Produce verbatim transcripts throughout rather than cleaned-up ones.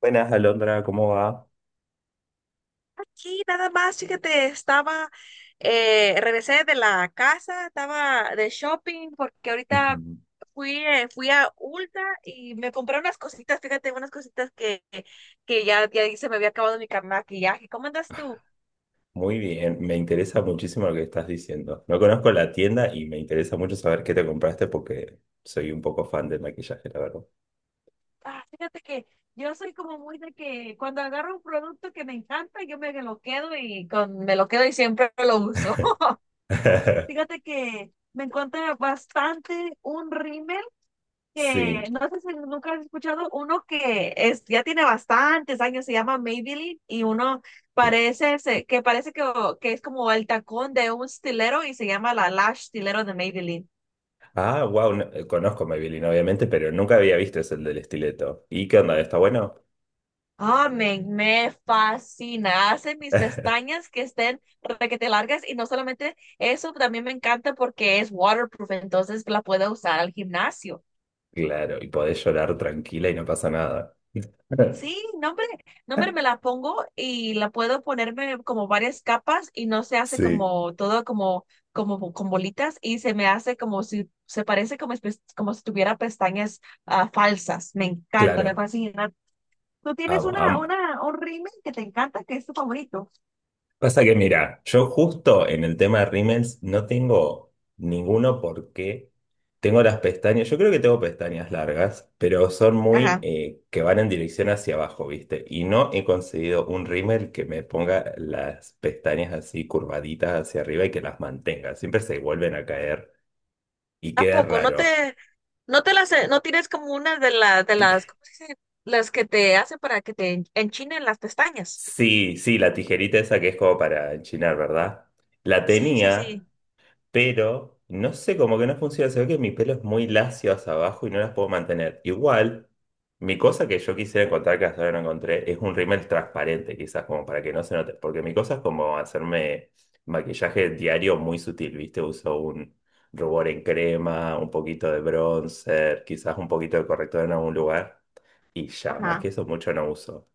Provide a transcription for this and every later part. Buenas, Alondra, ¿cómo va? Aquí nada más, fíjate, estaba, eh, regresé de la casa, estaba de shopping porque ahorita fui, eh, fui a Ulta y me compré unas cositas, fíjate, unas cositas que, que ya, ya se me había acabado mi cam- maquillaje. ¿Cómo andas tú? Muy bien, me interesa muchísimo lo que estás diciendo. No conozco la tienda y me interesa mucho saber qué te compraste porque soy un poco fan del maquillaje, la verdad. Ah, fíjate que yo soy como muy de que cuando agarro un producto que me encanta, yo me lo quedo y con, me lo quedo y siempre lo uso. Fíjate que me encuentro bastante un rímel que Sí, no sé si nunca has escuchado uno que es, ya tiene bastantes años, se llama Maybelline y uno sí. parece se- que parece que, que es como el tacón de un stilero y se llama la lash stilero de Maybelline. Ah, wow, conozco Maybelline, obviamente, pero nunca había visto ese del estileto. ¿Y qué onda? ¿Está bueno? Ah, me, me fascina. Hace mis pestañas que estén requete largas y no solamente eso, también me encanta porque es waterproof, entonces la puedo usar al gimnasio. Claro, y podés llorar tranquila y no pasa nada. Sí, no, hombre, no, hombre, me la pongo y la puedo ponerme como varias capas y no se hace Sí, como todo como, como bo- con bolitas y se me hace como si, se parece como, espe- como si tuviera pestañas ah, falsas. Me encanta, me claro. fascina. ¿Tú tienes Amo, una, amo. una, un rímel que te encanta, que es tu favorito? Pasa que mira, yo justo en el tema de rímels no tengo ninguno porque tengo las pestañas, yo creo que tengo pestañas largas, pero son muy Ajá. eh, que van en dirección hacia abajo, ¿viste? Y no he conseguido un rímel que me ponga las pestañas así curvaditas hacia arriba y que las mantenga. Siempre se vuelven a caer y ¿A queda poco? ¿No raro. te, no te las, no tienes como una de las, de las, ¿cómo se dice? Las que te hacen para que te en- enchinen las pestañas. Sí, sí, la tijerita esa que es como para enchinar, ¿verdad? La Sí, sí, tenía, sí. pero no sé, como que no funciona. Se ve que mi pelo es muy lacio hacia abajo y no las puedo mantener. Igual, mi cosa que yo quisiera encontrar, que hasta ahora no encontré, es un rímel transparente, quizás, como para que no se note. Porque mi cosa es como hacerme maquillaje diario muy sutil, ¿viste? Uso un rubor en crema, un poquito de bronzer, quizás un poquito de corrector en algún lugar. Y ya, más Ajá. que eso, mucho no uso.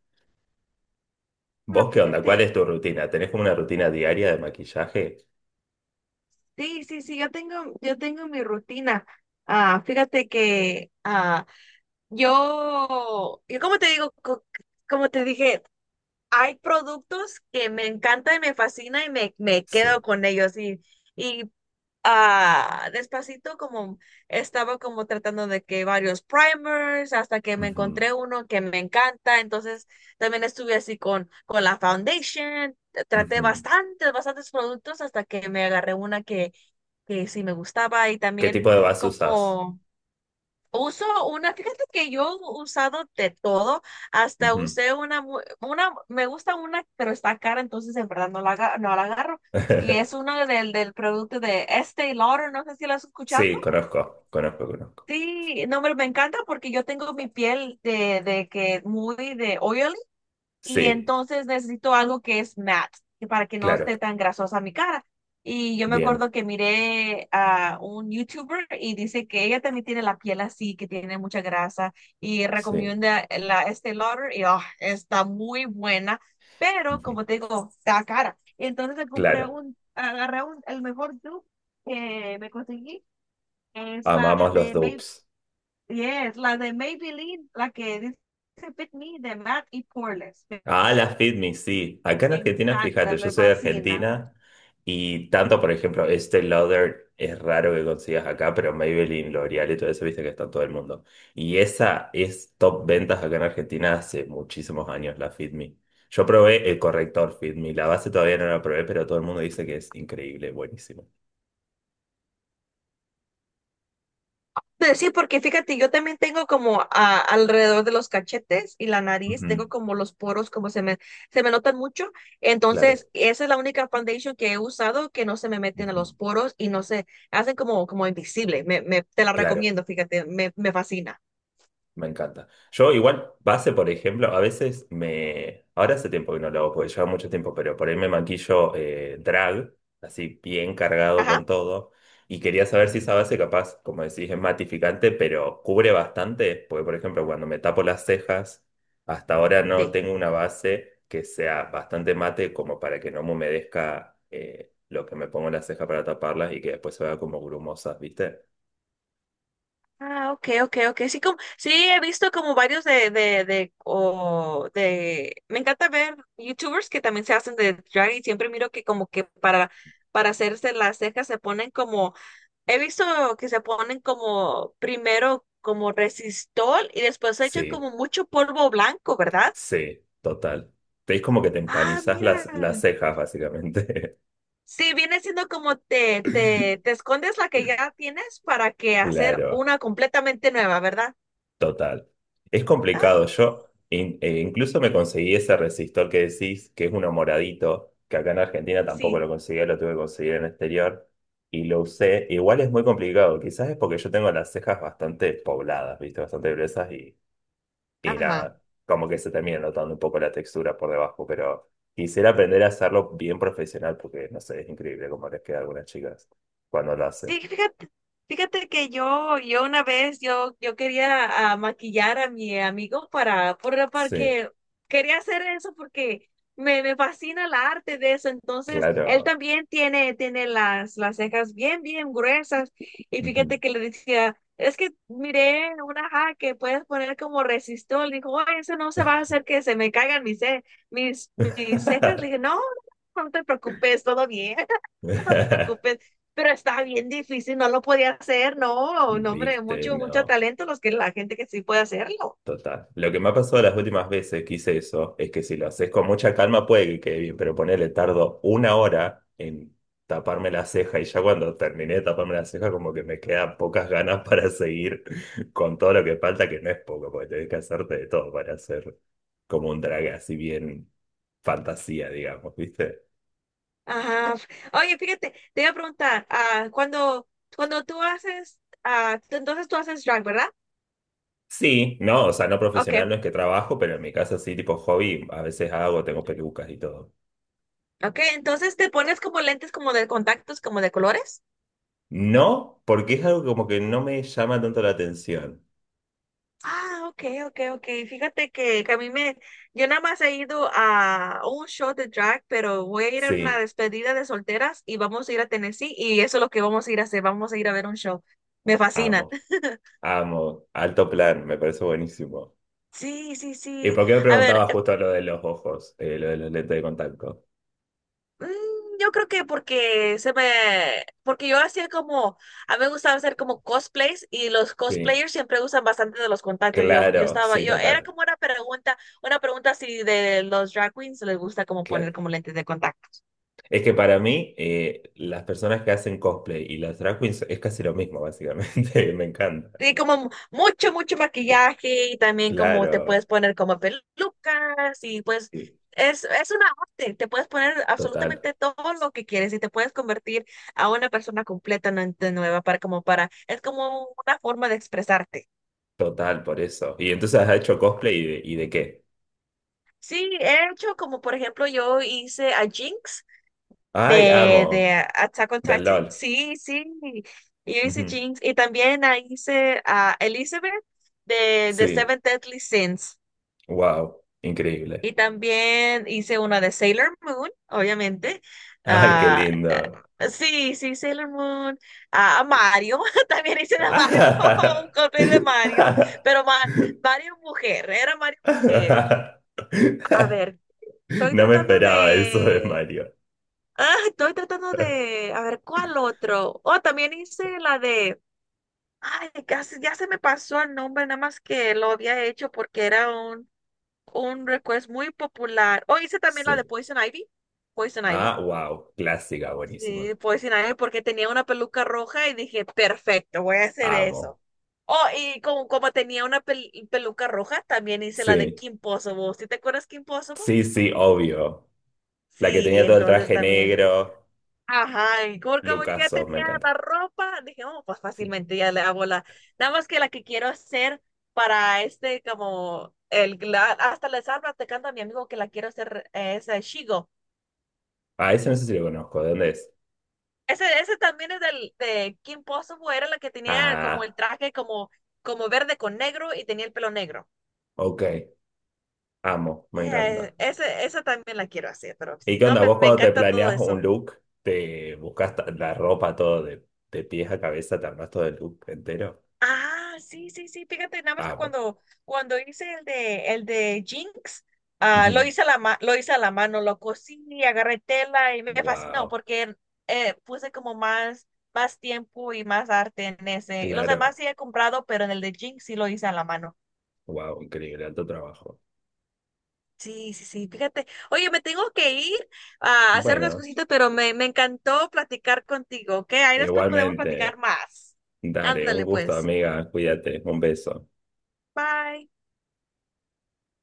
Ah, ¿Vos qué onda? ¿Cuál fíjate. es tu rutina? ¿Tenés como una rutina diaria de maquillaje? Sí, sí, sí, yo tengo, yo tengo mi rutina. Ah, fíjate que ah, yo, yo como te digo, co- como te dije, hay productos que me encantan y me fascinan y me, me quedo Sí. con ellos. Y, y ah, despacito como estaba como tratando de que varios primers hasta que me Ujú, encontré uno que me encanta. Entonces también estuve así con, con la foundation. Traté ujú. bastantes, bastantes productos hasta que me agarré una que que sí me gustaba y ¿Qué también tipo de vas usas? como uso una, fíjate que yo he usado de todo, hasta Ujú. usé una, mu- una, me gusta una, pero está cara, entonces en verdad no la, aga- no la agarro. Y es uno del, del producto de Estée Lauder, no sé si lo has escuchado. Sí, conozco, conozco, conozco. Sí, no, me, me encanta porque yo tengo mi piel de, de que muy de oily y Sí, entonces necesito algo que es matte, que para que no claro, esté tan grasosa mi cara. Y yo me bien, acuerdo que miré a un YouTuber y dice que ella también tiene la piel así, que tiene mucha grasa y sí, recomienda la Estée Lauder y ah, está muy buena, pero ujú, como te digo, está cara. Y entonces me compré claro, un, agarré un, el mejor dupe que me conseguí, es la amamos los de May, dupes. yes, la de Maybelline, la que dice Fit Me de Matte y Poreless. Ah, las FitMe, sí. Acá en Me Argentina, fíjate, encanta, yo me soy de fascina. Argentina y tanto, por ejemplo, este Lauder es raro que consigas acá, pero Maybelline, L'Oreal y todo eso, viste que está en todo el mundo. Y esa es top ventas acá en Argentina hace muchísimos años, la FitMe. Yo probé el corrector FitMe, la base todavía no la probé, pero todo el mundo dice que es increíble, buenísimo. Pues sí, porque fíjate, yo también tengo como a- alrededor de los cachetes y la nariz, Ujú, tengo como los poros, como se me, se me notan mucho. claro, Entonces, esa es la única foundation que he usado que no se me meten a ujú, los poros y no se hacen como, como invisible. Me, me- te la claro. recomiendo, fíjate, me, me fascina. Me encanta. Yo igual, base, por ejemplo, a veces me... Ahora hace tiempo que no lo hago, porque lleva mucho tiempo, pero por ahí me maquillo eh, drag, así bien cargado con Ajá. todo. Y quería saber si esa base capaz, como decís, es matificante, pero cubre bastante, porque por ejemplo, cuando me tapo las cejas, hasta ahora no Sí. tengo una base que sea bastante mate como para que no me humedezca eh, lo que me pongo en las cejas para taparlas y que después se vea como grumosas, ¿viste? Ah, ok, ok, ok. Sí, como, sí, he visto como varios de, de, de, o de, me encanta ver YouTubers que también se hacen de drag y siempre miro que como que para, para hacerse las cejas se ponen como, he visto que se ponen como primero como resistol y después se echan Sí. como mucho polvo blanco, ¿verdad? Sí, total. Te es como que te Ah, empanizás mira. las, las cejas, básicamente. Sí, viene siendo como te, te, te escondes la que ya tienes para que hacer Claro, una completamente nueva, ¿verdad? total. Es Ah, complicado. Yo in- eh, incluso me conseguí ese resistor que decís, que es uno moradito, que acá en Argentina tampoco lo sí. conseguía, lo tuve que conseguir en el exterior, y lo usé. Igual es muy complicado. Quizás es porque yo tengo las cejas bastante pobladas, ¿viste? Bastante gruesas. Y Ajá. nada, como que se termina notando un poco la textura por debajo, pero quisiera aprender a hacerlo bien profesional porque, no sé, es increíble cómo les queda a algunas chicas cuando lo hacen. Sí, fíjate, fíjate que yo, yo una vez, yo, yo quería ah, maquillar a mi amigo para, por- Sí, porque quería hacer eso porque me, me fascina el arte de eso. Entonces, él claro. también tiene, tiene las, las cejas bien, bien gruesas. Y Ujú. fíjate que le decía, es que miré una ja que puedes poner como resistol. Dijo: "Ay, eso no se va a hacer que se me caigan mis, ce- mis, mis cejas". Le dije, no, no te preocupes, todo bien. No te preocupes, pero está bien difícil, no lo podía hacer, no, no, hombre, ¿Viste? mucho, mucho No. talento los que la gente que sí puede hacerlo. Total. Lo que me ha pasado las últimas veces que hice eso es que si lo haces con mucha calma puede que quede bien, pero ponele tardo una hora en taparme la ceja y ya cuando terminé de taparme la ceja como que me quedan pocas ganas para seguir con todo lo que falta, que no es poco, porque tenés que hacerte de todo para hacer como un drag así bien fantasía, digamos, ¿viste? Ajá. Oye, fíjate, te iba a preguntar, ah, cuando, cuando tú haces, ah, tú- entonces tú haces drag, ¿verdad? Sí, no, o sea, no Ok, profesional no es que trabajo, pero en mi casa sí, tipo hobby, a veces hago, tengo pelucas y todo. ok, entonces te pones como lentes como de contactos, como de colores. No, porque es algo como que no me llama tanto la atención. Ah, ok, ok, ok. Fíjate que, que a mí me, yo nada más he ido a un show de drag, pero voy a ir a una Sí, despedida de solteras y vamos a ir a Tennessee y eso es lo que vamos a ir a hacer, vamos a ir a ver un show. Me amo, fascina. amo, alto plan, me parece buenísimo. Sí, sí, ¿Y sí. por qué me A ver. preguntabas justo lo de los ojos, eh, lo de los lentes de contacto? Mm, Yo creo que porque se me, porque yo hacía como, a mí me gustaba hacer como cosplays y los Sí, cosplayers siempre usan bastante de los contactos. Yo, yo claro, estaba, sí, yo era total, como una pregunta, una pregunta si de los drag queens les gusta como poner claro. como lentes de contacto. Es que para mí, eh, las personas que hacen cosplay y las drag queens es casi lo mismo, básicamente, me encanta. Sí, como mucho, mucho maquillaje y también como te Claro, puedes poner como pelucas y pues sí, es, es una arte, te puedes poner total, absolutamente todo lo que quieres y te puedes convertir a una persona completamente nueva para como para, es como una forma de expresarte. total, por eso. ¿Y entonces has hecho cosplay y de, y de qué? Sí, he hecho como por ejemplo yo hice a Jinx Ay, de, de amo, Attack on del Titan, L O L. sí, sí, yo Ujú. hice Jinx y también ah, hice a Elizabeth de, de Sí, Seven Deadly Sins. wow, increíble. Y también hice una de Sailor Moon, obviamente. Ay, qué Ah, lindo. eh, sí, sí, Sailor Moon. Ah, a Mario, también hice de Mario, un cosplay de Mario, pero Ma- Mario mujer, era Mario mujer. A ver, estoy No me tratando esperaba eso de de... Mario. Ah, estoy tratando de... A ver, ¿cuál otro? Oh, también hice la de... Ay, casi ya se me pasó el nombre, nada más que lo había hecho porque era un un request muy popular. O hice también la de Sí. Poison Ivy. Poison Ivy. Ah, wow, clásica, buenísima. Sí, Poison Ivy porque tenía una peluca roja y dije, perfecto, voy a hacer Amo. eso. Oh, y como, como tenía una pel- peluca roja, también hice la de Sí, Kim Possible. ¿Sí te acuerdas Kim Possible? sí, sí, obvio. La que Sí, tenía todo el entonces traje también. negro, Ajá, y como, como ya lucaso, me tenía la encanta. ropa, dije, oh, pues Sí. fácilmente ya le hago la. Nada más que la que quiero hacer para este, como, el, la- hasta les hablo, te canta mi amigo que la quiero hacer, eh, es eh, Shigo. Ah, ese no sé si lo conozco, ¿de dónde es? Ese, ese también es del, de Kim Possible, era la que tenía como el Ah, traje como, como verde con negro y tenía el pelo negro. ok, amo, me encanta. Yeah, ese, esa también la quiero hacer, pero ¿Y sí, qué no, onda? me, ¿Vos me cuando te encanta todo planeas un eso. look, te buscas ta- la ropa todo de, de pies a cabeza, te armas todo el look entero? Ah, sí, sí, sí, fíjate, nada más que Amo. cuando, cuando hice el de, el de Jinx, ah, lo hice a la ma- lo hice a la mano, lo cosí, agarré tela y me fascinó Wow, porque eh, puse como más, más tiempo y más arte en ese. Los demás claro. sí he comprado, pero en el de Jinx sí lo hice a la mano. Wow, increíble, alto trabajo. Sí, sí, sí, fíjate. Oye, me tengo que ir a hacer unas Bueno, cositas, pero me, me encantó platicar contigo, ¿ok? Ahí después podemos igualmente. platicar más. Dale, un Ándale, gusto, pues. amiga. Cuídate. Un beso. Bye.